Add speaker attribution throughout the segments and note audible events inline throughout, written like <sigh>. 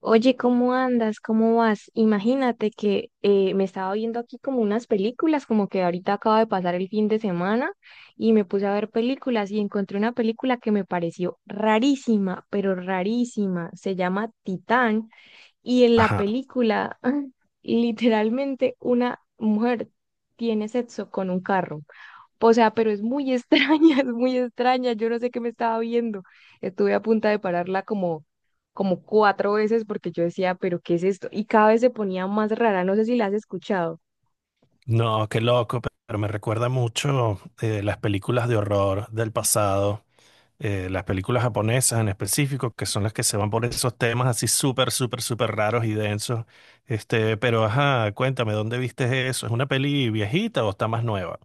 Speaker 1: Oye, ¿cómo andas? ¿Cómo vas? Imagínate que me estaba viendo aquí como unas películas, como que ahorita acaba de pasar el fin de semana y me puse a ver películas y encontré una película que me pareció rarísima, pero rarísima. Se llama Titán y en la
Speaker 2: Ajá.
Speaker 1: película <laughs> literalmente una mujer tiene sexo con un carro. O sea, pero es muy extraña, <laughs> es muy extraña. Yo no sé qué me estaba viendo. Estuve a punta de pararla como cuatro veces porque yo decía, pero ¿qué es esto? Y cada vez se ponía más rara. No sé si la has escuchado.
Speaker 2: No, qué loco, pero me recuerda mucho las películas de horror del pasado, las películas japonesas en específico, que son las que se van por esos temas así súper, súper, súper raros y densos. Este, pero ajá, cuéntame, ¿dónde viste eso? ¿Es una peli viejita o está más nueva?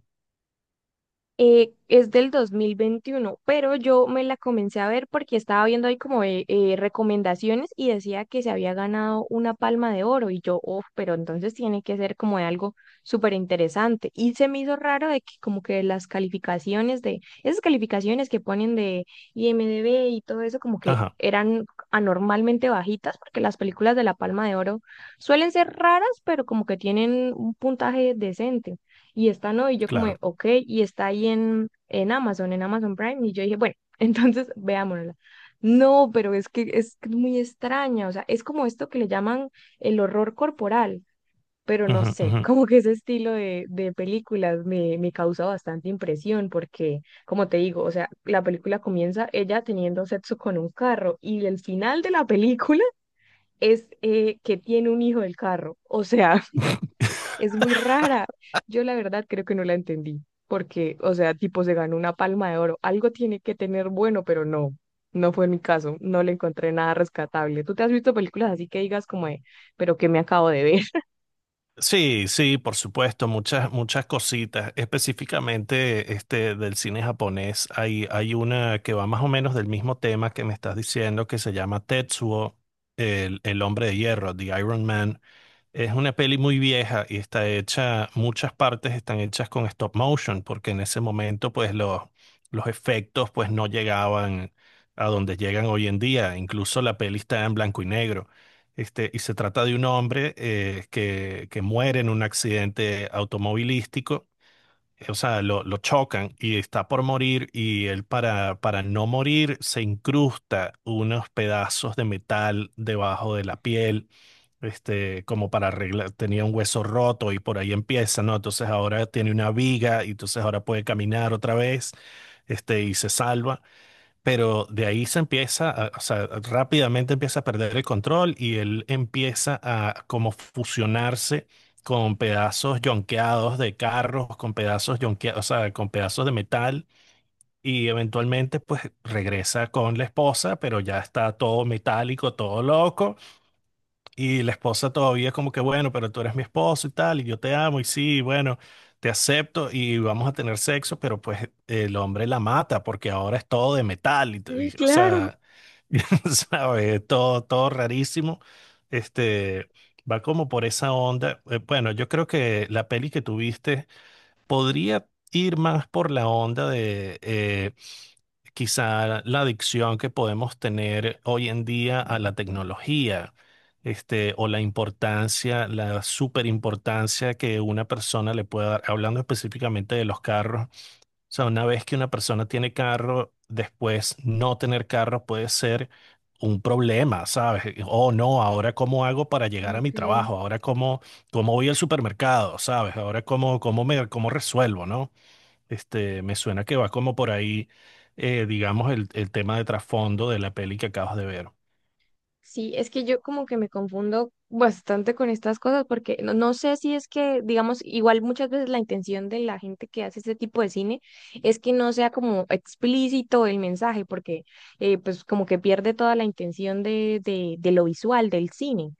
Speaker 1: Es del 2021, pero yo me la comencé a ver porque estaba viendo ahí como recomendaciones y decía que se había ganado una palma de oro y yo, oh, pero entonces tiene que ser como de algo súper interesante. Y se me hizo raro de que como que esas calificaciones que ponen de IMDb y todo eso como que
Speaker 2: Ajá,
Speaker 1: eran anormalmente bajitas porque las películas de la palma de oro suelen ser raras, pero como que tienen un puntaje decente y esta no, y yo como de,
Speaker 2: claro.
Speaker 1: ok, y está ahí en Amazon, en Amazon Prime, y yo dije, bueno, <laughs> entonces veámosla. No, pero es que es muy extraña, o sea, es como esto que le llaman el horror corporal, pero no sé, <laughs> como que ese estilo de películas me causa bastante impresión porque, como te digo, o sea, la película comienza ella teniendo sexo con un carro y el final de la película es que tiene un hijo del carro, o sea. Es muy rara. Yo la verdad creo que no la entendí, porque, o sea, tipo se ganó una palma de oro. Algo tiene que tener bueno, pero no, no fue mi caso. No le encontré nada rescatable. ¿Tú te has visto películas así que digas como de, pero qué me acabo de ver? <laughs>
Speaker 2: Sí, sí, por supuesto, muchas, muchas cositas. Específicamente este, del cine japonés, hay una que va más o menos del mismo tema que me estás diciendo, que se llama Tetsuo, el hombre de hierro, The Iron Man. Es una peli muy vieja y está hecha, muchas partes están hechas con stop motion, porque en ese momento pues los efectos pues no llegaban a donde llegan hoy en día. Incluso la peli está en blanco y negro. Este, y se trata de un hombre que muere en un accidente automovilístico o sea, lo chocan y está por morir y él para no morir se incrusta unos pedazos de metal debajo de la piel, este, como para arreglar, tenía un hueso roto y por ahí empieza, ¿no? Entonces ahora tiene una viga y entonces ahora puede caminar otra vez, este, y se salva. Pero de ahí se empieza, o sea, rápidamente empieza a perder el control y él empieza a como fusionarse con pedazos yonqueados de carros, con pedazos yonqueados, o sea, con pedazos de metal y eventualmente pues regresa con la esposa, pero ya está todo metálico, todo loco y la esposa todavía es como que, bueno, pero tú eres mi esposo y tal, y yo te amo, y sí, bueno, te acepto y vamos a tener sexo, pero pues el hombre la mata porque ahora es todo de metal,
Speaker 1: Sí,
Speaker 2: o
Speaker 1: claro.
Speaker 2: sea, <laughs> ¿sabes? Todo, todo rarísimo. Este, va como por esa onda. Bueno, yo creo que la peli que tuviste podría ir más por la onda de... quizá la adicción que podemos tener hoy en día a la tecnología, este, o la importancia, la superimportancia que una persona le puede dar, hablando específicamente de los carros. O sea, una vez que una persona tiene carro, después no tener carro puede ser un problema, ¿sabes? Oh, no, ahora cómo hago para llegar a mi
Speaker 1: Ok.
Speaker 2: trabajo, ahora cómo, cómo voy al supermercado, ¿sabes? Ahora cómo, cómo me, cómo resuelvo, ¿no? Este, me suena que va como por ahí, digamos, el tema de trasfondo de la peli que acabas de ver.
Speaker 1: Sí, es que yo como que me confundo bastante con estas cosas porque no, no sé si es que, digamos, igual muchas veces la intención de la gente que hace este tipo de cine es que no sea como explícito el mensaje porque pues como que pierde toda la intención de lo visual, del cine.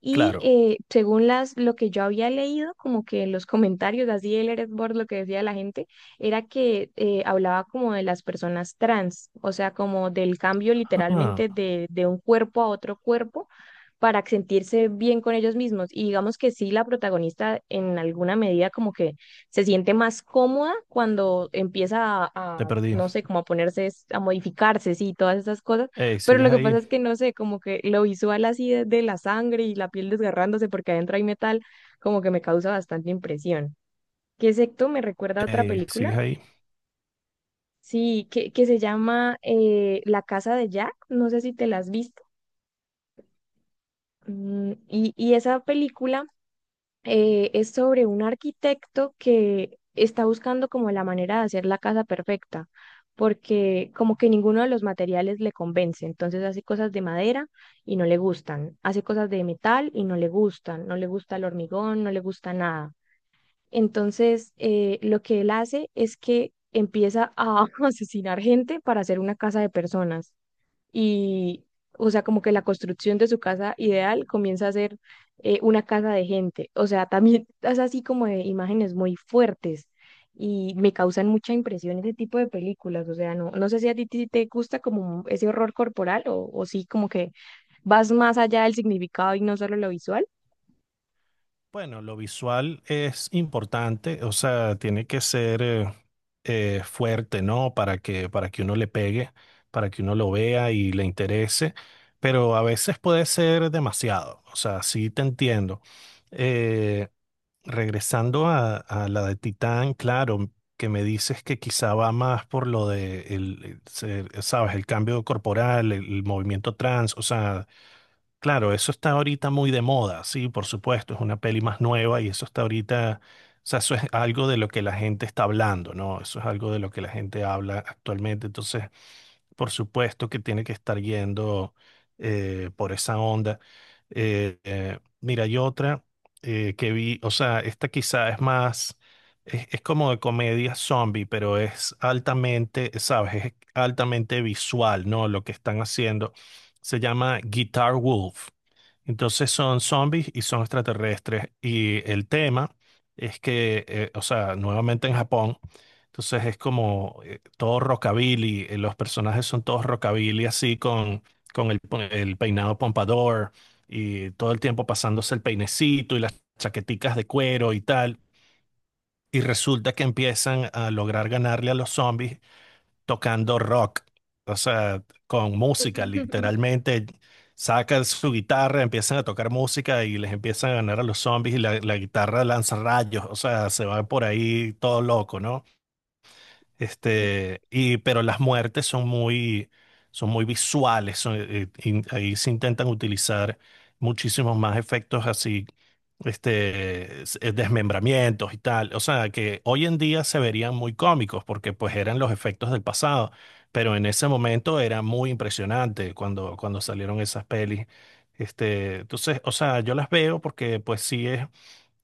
Speaker 1: Y
Speaker 2: Claro.
Speaker 1: según lo que yo había leído, como que en los comentarios, así el Reddit board, lo que decía la gente, era que hablaba como de las personas trans, o sea, como del cambio
Speaker 2: Ah,
Speaker 1: literalmente de un cuerpo a otro cuerpo para sentirse bien con ellos mismos. Y digamos que sí, la protagonista en alguna medida como que se siente más cómoda cuando empieza
Speaker 2: te perdí.
Speaker 1: no sé, como a a modificarse, sí, todas esas cosas.
Speaker 2: Ey,
Speaker 1: Pero
Speaker 2: ¿sigues
Speaker 1: lo que pasa
Speaker 2: ahí?
Speaker 1: es que, no sé, como que lo visual así de la sangre y la piel desgarrándose porque adentro hay metal, como que me causa bastante impresión. ¿Qué secto me recuerda a otra
Speaker 2: Ey,
Speaker 1: película?
Speaker 2: ¿sigues ahí?
Speaker 1: Sí, que se llama La Casa de Jack, no sé si te la has visto. Y esa película es sobre un arquitecto que está buscando como la manera de hacer la casa perfecta, porque como que ninguno de los materiales le convence, entonces hace cosas de madera y no le gustan, hace cosas de metal y no le gustan, no le gusta el hormigón, no le gusta nada. Entonces, lo que él hace es que empieza a <laughs> asesinar gente para hacer una casa de personas y, o sea, como que la construcción de su casa ideal comienza a ser una casa de gente. O sea, también es así como de imágenes muy fuertes y me causan mucha impresión ese tipo de películas. O sea, no, no sé si a ti te gusta como ese horror corporal o sí como que vas más allá del significado y no solo lo visual.
Speaker 2: Bueno, lo visual es importante, o sea, tiene que ser fuerte, ¿no? Para que uno le pegue, para que uno lo vea y le interese, pero a veces puede ser demasiado, o sea, sí te entiendo. Eh, Regresando a la de Titán, claro, que me dices que quizá va más por lo de el, sabes, el cambio corporal, el movimiento trans, o sea, claro, eso está ahorita muy de moda, sí, por supuesto, es una peli más nueva y eso está ahorita, o sea, eso es algo de lo que la gente está hablando, ¿no? Eso es algo de lo que la gente habla actualmente, entonces por supuesto que tiene que estar yendo por esa onda. Mira, hay otra que vi, o sea, esta quizá es más, es como de comedia zombie, pero es altamente, ¿sabes? Es altamente visual, ¿no? Lo que están haciendo. Se llama Guitar Wolf. Entonces son zombies y son extraterrestres. Y el tema es que, o sea, nuevamente en Japón, entonces es como todo rockabilly, los personajes son todos rockabilly así con el, el peinado pompador y todo el tiempo pasándose el peinecito y las chaqueticas de cuero y tal. Y resulta que empiezan a lograr ganarle a los zombies tocando rock, o sea, con música, literalmente. Sacan su guitarra, empiezan a tocar música y les empiezan a ganar a los zombies y la guitarra lanza rayos, o sea, se van por ahí todo loco, ¿no? Este, y, pero las muertes son muy visuales. Son, ahí se intentan utilizar muchísimos más efectos así, este, desmembramientos y tal. O sea, que hoy en día se verían muy cómicos porque pues eran los efectos del pasado. Pero en ese momento era muy impresionante cuando, cuando salieron esas pelis. Este, entonces, o sea, yo las veo porque pues sí es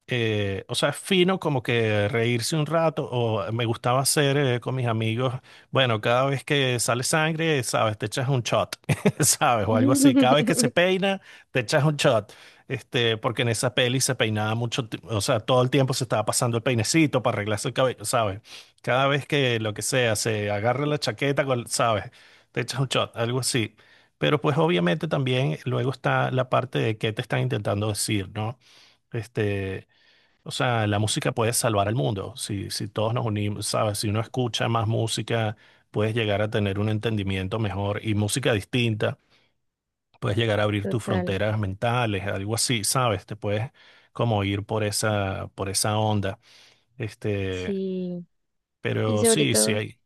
Speaker 2: o sea, es fino como que reírse un rato, o me gustaba hacer con mis amigos, bueno, cada vez que sale sangre, sabes, te echas un shot, <laughs> sabes, o algo así, cada vez que se
Speaker 1: <laughs>
Speaker 2: peina, te echas un shot, este, porque en esa peli se peinaba mucho, o sea, todo el tiempo se estaba pasando el peinecito para arreglarse el cabello, sabes, cada vez que lo que sea, se agarra la chaqueta, sabes, te echas un shot, algo así. Pero pues obviamente también luego está la parte de qué te están intentando decir, ¿no? Este, o sea, la música puede salvar al mundo. Si, si todos nos unimos, ¿sabes? Si uno escucha más música, puedes llegar a tener un entendimiento mejor y música distinta, puedes llegar a abrir tus
Speaker 1: Total,
Speaker 2: fronteras mentales, algo así, ¿sabes? Te puedes como ir por esa onda. Este,
Speaker 1: sí. Y
Speaker 2: pero
Speaker 1: sobre
Speaker 2: sí, sí
Speaker 1: todo...
Speaker 2: hay.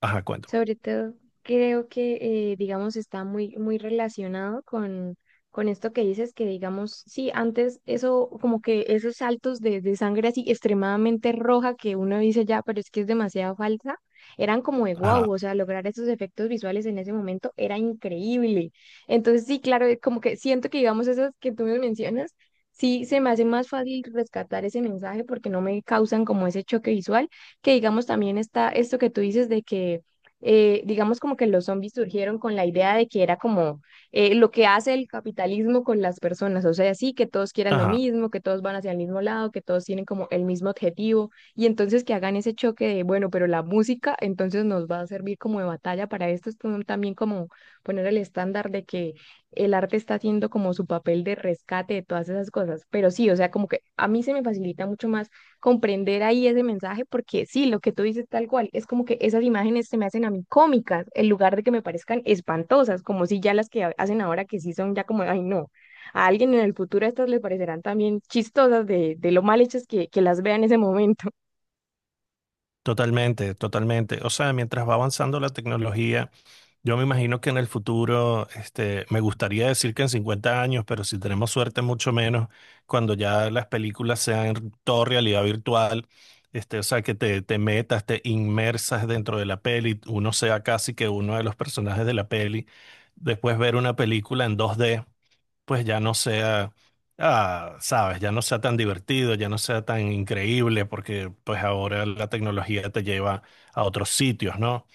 Speaker 2: Ajá, cuéntame.
Speaker 1: Sobre todo, creo que, digamos, está muy, muy relacionado con esto que dices, que digamos, sí, antes eso, como que esos saltos de sangre así extremadamente roja que uno dice ya, pero es que es demasiado falsa, eran como de wow,
Speaker 2: Ajá,
Speaker 1: o sea, lograr esos efectos visuales en ese momento era increíble. Entonces, sí, claro, como que siento que, digamos, esas que tú me mencionas, sí, se me hace más fácil rescatar ese mensaje porque no me causan como ese choque visual, que digamos también está esto que tú dices de que digamos como que los zombies surgieron con la idea de que era como lo que hace el capitalismo con las personas, o sea, sí, que todos quieran lo
Speaker 2: ajá.
Speaker 1: mismo, que todos van hacia el mismo lado, que todos tienen como el mismo objetivo, y entonces que hagan ese choque de, bueno, pero la música entonces nos va a servir como de batalla para esto, es como también como poner el estándar de que el arte está haciendo como su papel de rescate de todas esas cosas, pero sí, o sea, como que a mí se me facilita mucho más comprender ahí ese mensaje, porque sí, lo que tú dices tal cual, es como que esas imágenes se me hacen a mí cómicas, en lugar de que me parezcan espantosas, como si ya las que hacen ahora que sí son ya como, ay no, a alguien en el futuro estas les parecerán también chistosas de lo mal hechas que las vea en ese momento.
Speaker 2: Totalmente, totalmente. O sea, mientras va avanzando la tecnología. Yo me imagino que en el futuro, este, me gustaría decir que en 50 años, pero si tenemos suerte, mucho menos, cuando ya las películas sean todo realidad virtual, este, o sea, que te metas, te inmersas dentro de la peli, uno sea casi que uno de los personajes de la peli, después ver una película en 2D pues ya no sea, ah, sabes, ya no sea tan divertido, ya no sea tan increíble, porque pues ahora la tecnología te lleva a otros sitios, ¿no?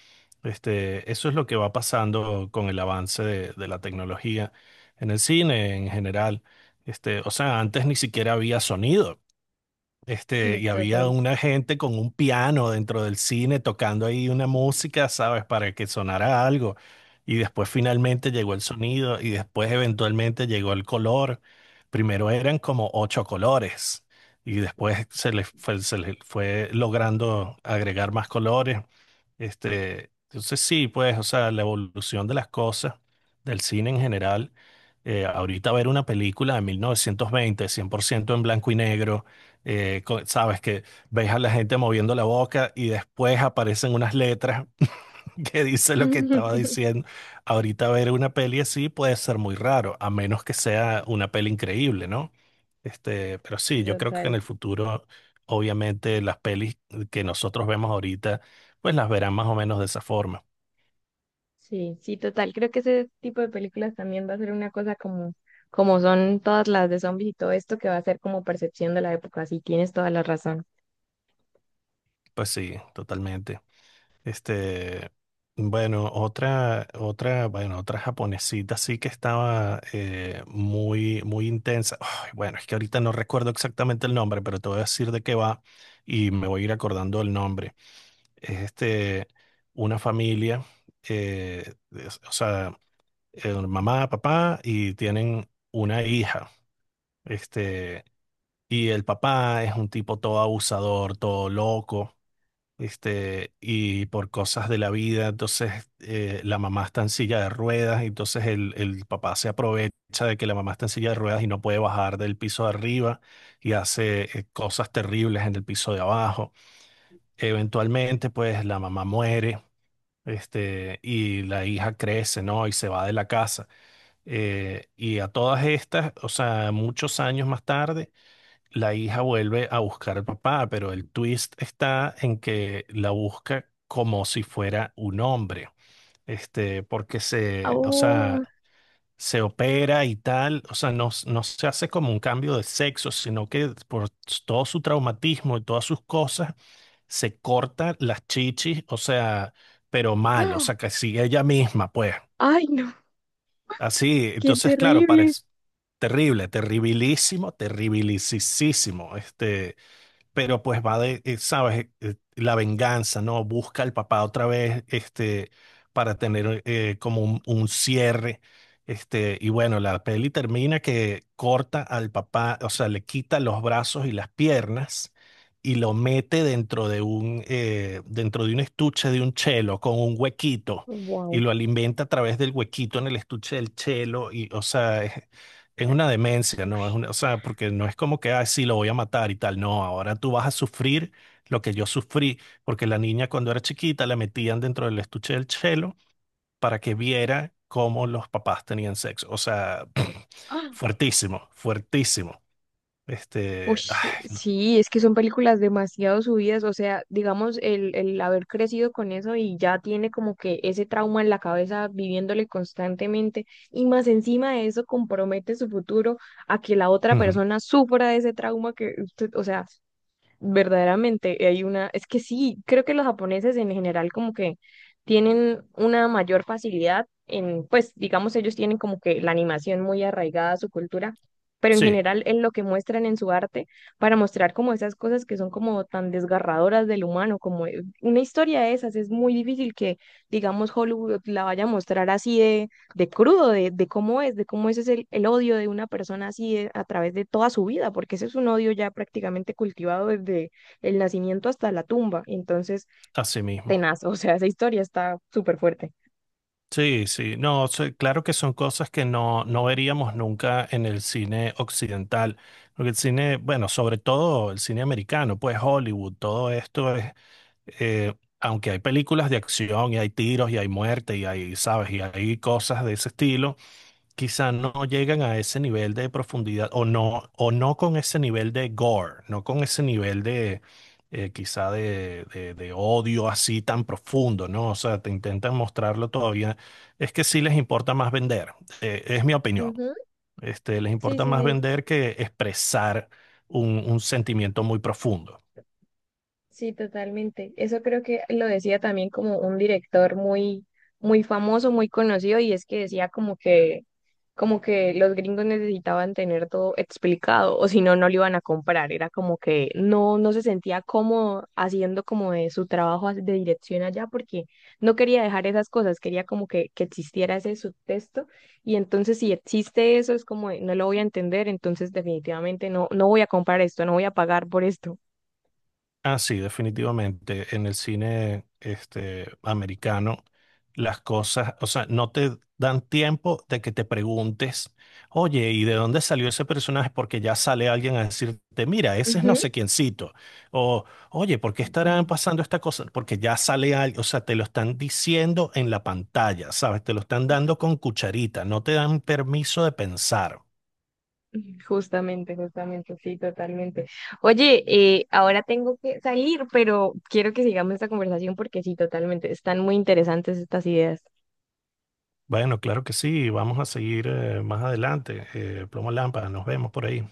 Speaker 2: Este, eso es lo que va pasando con el avance de la tecnología en el cine en general. Este, o sea, antes ni siquiera había sonido. Este,
Speaker 1: Mm,
Speaker 2: y había
Speaker 1: total.
Speaker 2: una gente con un piano dentro del cine tocando ahí una música, ¿sabes? Para que sonara algo. Y después finalmente llegó el sonido y después eventualmente llegó el color. Primero eran como ocho colores y después se les fue logrando agregar más colores, este, entonces sí, pues, o sea, la evolución de las cosas, del cine en general, ahorita ver una película de 1920 100% en blanco y negro, sabes que ves a la gente moviendo la boca y después aparecen unas letras <laughs> que dice lo que estaba
Speaker 1: <laughs>
Speaker 2: diciendo. Ahorita ver una peli así puede ser muy raro, a menos que sea una peli increíble, ¿no? Este, pero sí, yo creo que en
Speaker 1: Total.
Speaker 2: el futuro, obviamente, las pelis que nosotros vemos ahorita, pues las verán más o menos de esa forma.
Speaker 1: Sí, sí, total. Creo que ese tipo de películas también va a ser una cosa como son todas las de zombies y todo esto que va a ser como percepción de la época. Sí, tienes toda la razón.
Speaker 2: Pues sí, totalmente. Este, bueno, otra, otra, bueno, otra japonesita sí que estaba muy, muy intensa. Ay, bueno, es que ahorita no recuerdo exactamente el nombre, pero te voy a decir de qué va y me voy a ir acordando el nombre. Es este, una familia, o sea mamá, papá, y tienen una hija. Este, y el papá es un tipo todo abusador, todo loco, este, y por cosas de la vida, entonces la mamá está en silla de ruedas, y entonces el papá se aprovecha de que la mamá está en silla de ruedas y no puede bajar del piso de arriba y hace cosas terribles en el piso de abajo. Eventualmente, pues la mamá muere. Este, y la hija crece, ¿no? Y se va de la casa. Y a todas estas, o sea, muchos años más tarde, la hija vuelve a buscar al papá, pero el twist está en que la busca como si fuera un hombre, este, porque se, o sea,
Speaker 1: Au.
Speaker 2: se opera y tal, o sea, no, no se hace como un cambio de sexo, sino que por todo su traumatismo y todas sus cosas, se corta las chichis, o sea, pero mal, o sea, que sigue ella misma, pues.
Speaker 1: Ay, no,
Speaker 2: Así,
Speaker 1: qué
Speaker 2: entonces, claro,
Speaker 1: terrible.
Speaker 2: parece terrible, terribilísimo, terribilisísimo, este, pero pues va de, sabes, eh, la venganza, ¿no? Busca al papá otra vez, este, para tener como un cierre, este, y bueno, la peli termina que corta al papá, o sea, le quita los brazos y las piernas y lo mete dentro de un estuche de un chelo con un huequito. Y
Speaker 1: Wow.
Speaker 2: lo alimenta a través del huequito en el estuche del chelo. Es una demencia, ¿no? Es una, o sea, porque no es como que, ah, sí, lo voy a matar y tal. No, ahora tú vas a sufrir lo que yo sufrí, porque la niña cuando era chiquita la metían dentro del estuche del chelo para que viera cómo los papás tenían sexo. O sea, <clears throat>
Speaker 1: Ah,
Speaker 2: fuertísimo, fuertísimo.
Speaker 1: uy,
Speaker 2: Este, ay, no.
Speaker 1: sí, es que son películas demasiado subidas, o sea, digamos, el haber crecido con eso y ya tiene como que ese trauma en la cabeza viviéndole constantemente y más encima de eso compromete su futuro a que la otra
Speaker 2: Ujú.
Speaker 1: persona sufra de ese trauma que usted, o sea, verdaderamente hay una, es que sí, creo que los japoneses en general como que tienen una mayor facilidad en, pues digamos ellos tienen como que la animación muy arraigada a su cultura, pero en
Speaker 2: Sí,
Speaker 1: general en lo que muestran en su arte para mostrar como esas cosas que son como tan desgarradoras del humano, como una historia de esas, es muy difícil que digamos Hollywood la vaya a mostrar así de crudo, de cómo es, de cómo ese es el odio de una persona así a través de toda su vida, porque ese es un odio ya prácticamente cultivado desde el nacimiento hasta la tumba. Entonces,
Speaker 2: así mismo.
Speaker 1: tenaz, <laughs> o sea, esa historia está súper fuerte.
Speaker 2: Sí, sí, no, sí, claro que son cosas que no, no veríamos nunca en el cine occidental, porque el cine, bueno, sobre todo el cine americano, pues Hollywood, todo esto es, eh, aunque hay películas de acción y hay tiros y hay muerte y hay, sabes, y hay cosas de ese estilo, quizá no llegan a ese nivel de profundidad o no con ese nivel de gore, no con ese nivel de quizá de, de odio así tan profundo, ¿no? O sea, te intentan mostrarlo todavía. Es que sí les importa más vender, es mi opinión.
Speaker 1: Ujú.
Speaker 2: Este, les
Speaker 1: Sí,
Speaker 2: importa
Speaker 1: sí,
Speaker 2: más
Speaker 1: sí.
Speaker 2: vender que expresar un sentimiento muy profundo.
Speaker 1: Sí, totalmente. Eso creo que lo decía también como un director muy, muy famoso, muy conocido, y es que decía como que, los gringos necesitaban tener todo explicado, o si no, no lo iban a comprar. Era como que no, no se sentía cómodo haciendo como de su trabajo de dirección allá, porque no quería dejar esas cosas, quería como que existiera ese subtexto, y entonces si existe eso, es como de, no lo voy a entender, entonces definitivamente no, no voy a comprar esto, no voy a pagar por esto.
Speaker 2: Ah, sí, definitivamente. En el cine este, americano, las cosas, o sea, no te dan tiempo de que te preguntes, oye, ¿y de dónde salió ese personaje? Porque ya sale alguien a decirte, mira, ese es no
Speaker 1: Ujú.
Speaker 2: sé quiéncito. O, oye, ¿por qué estarán
Speaker 1: <laughs>
Speaker 2: pasando esta cosa? Porque ya sale alguien, o sea, te lo están diciendo en la pantalla, ¿sabes? Te lo están dando con cucharita, no te dan permiso de pensar.
Speaker 1: Justamente, justamente, sí, totalmente. Oye, ahora tengo que salir, pero quiero que sigamos esta conversación porque sí, totalmente, están muy interesantes estas ideas.
Speaker 2: Bueno, claro que sí, vamos a seguir más adelante. Plomo Lámpara, nos vemos por ahí.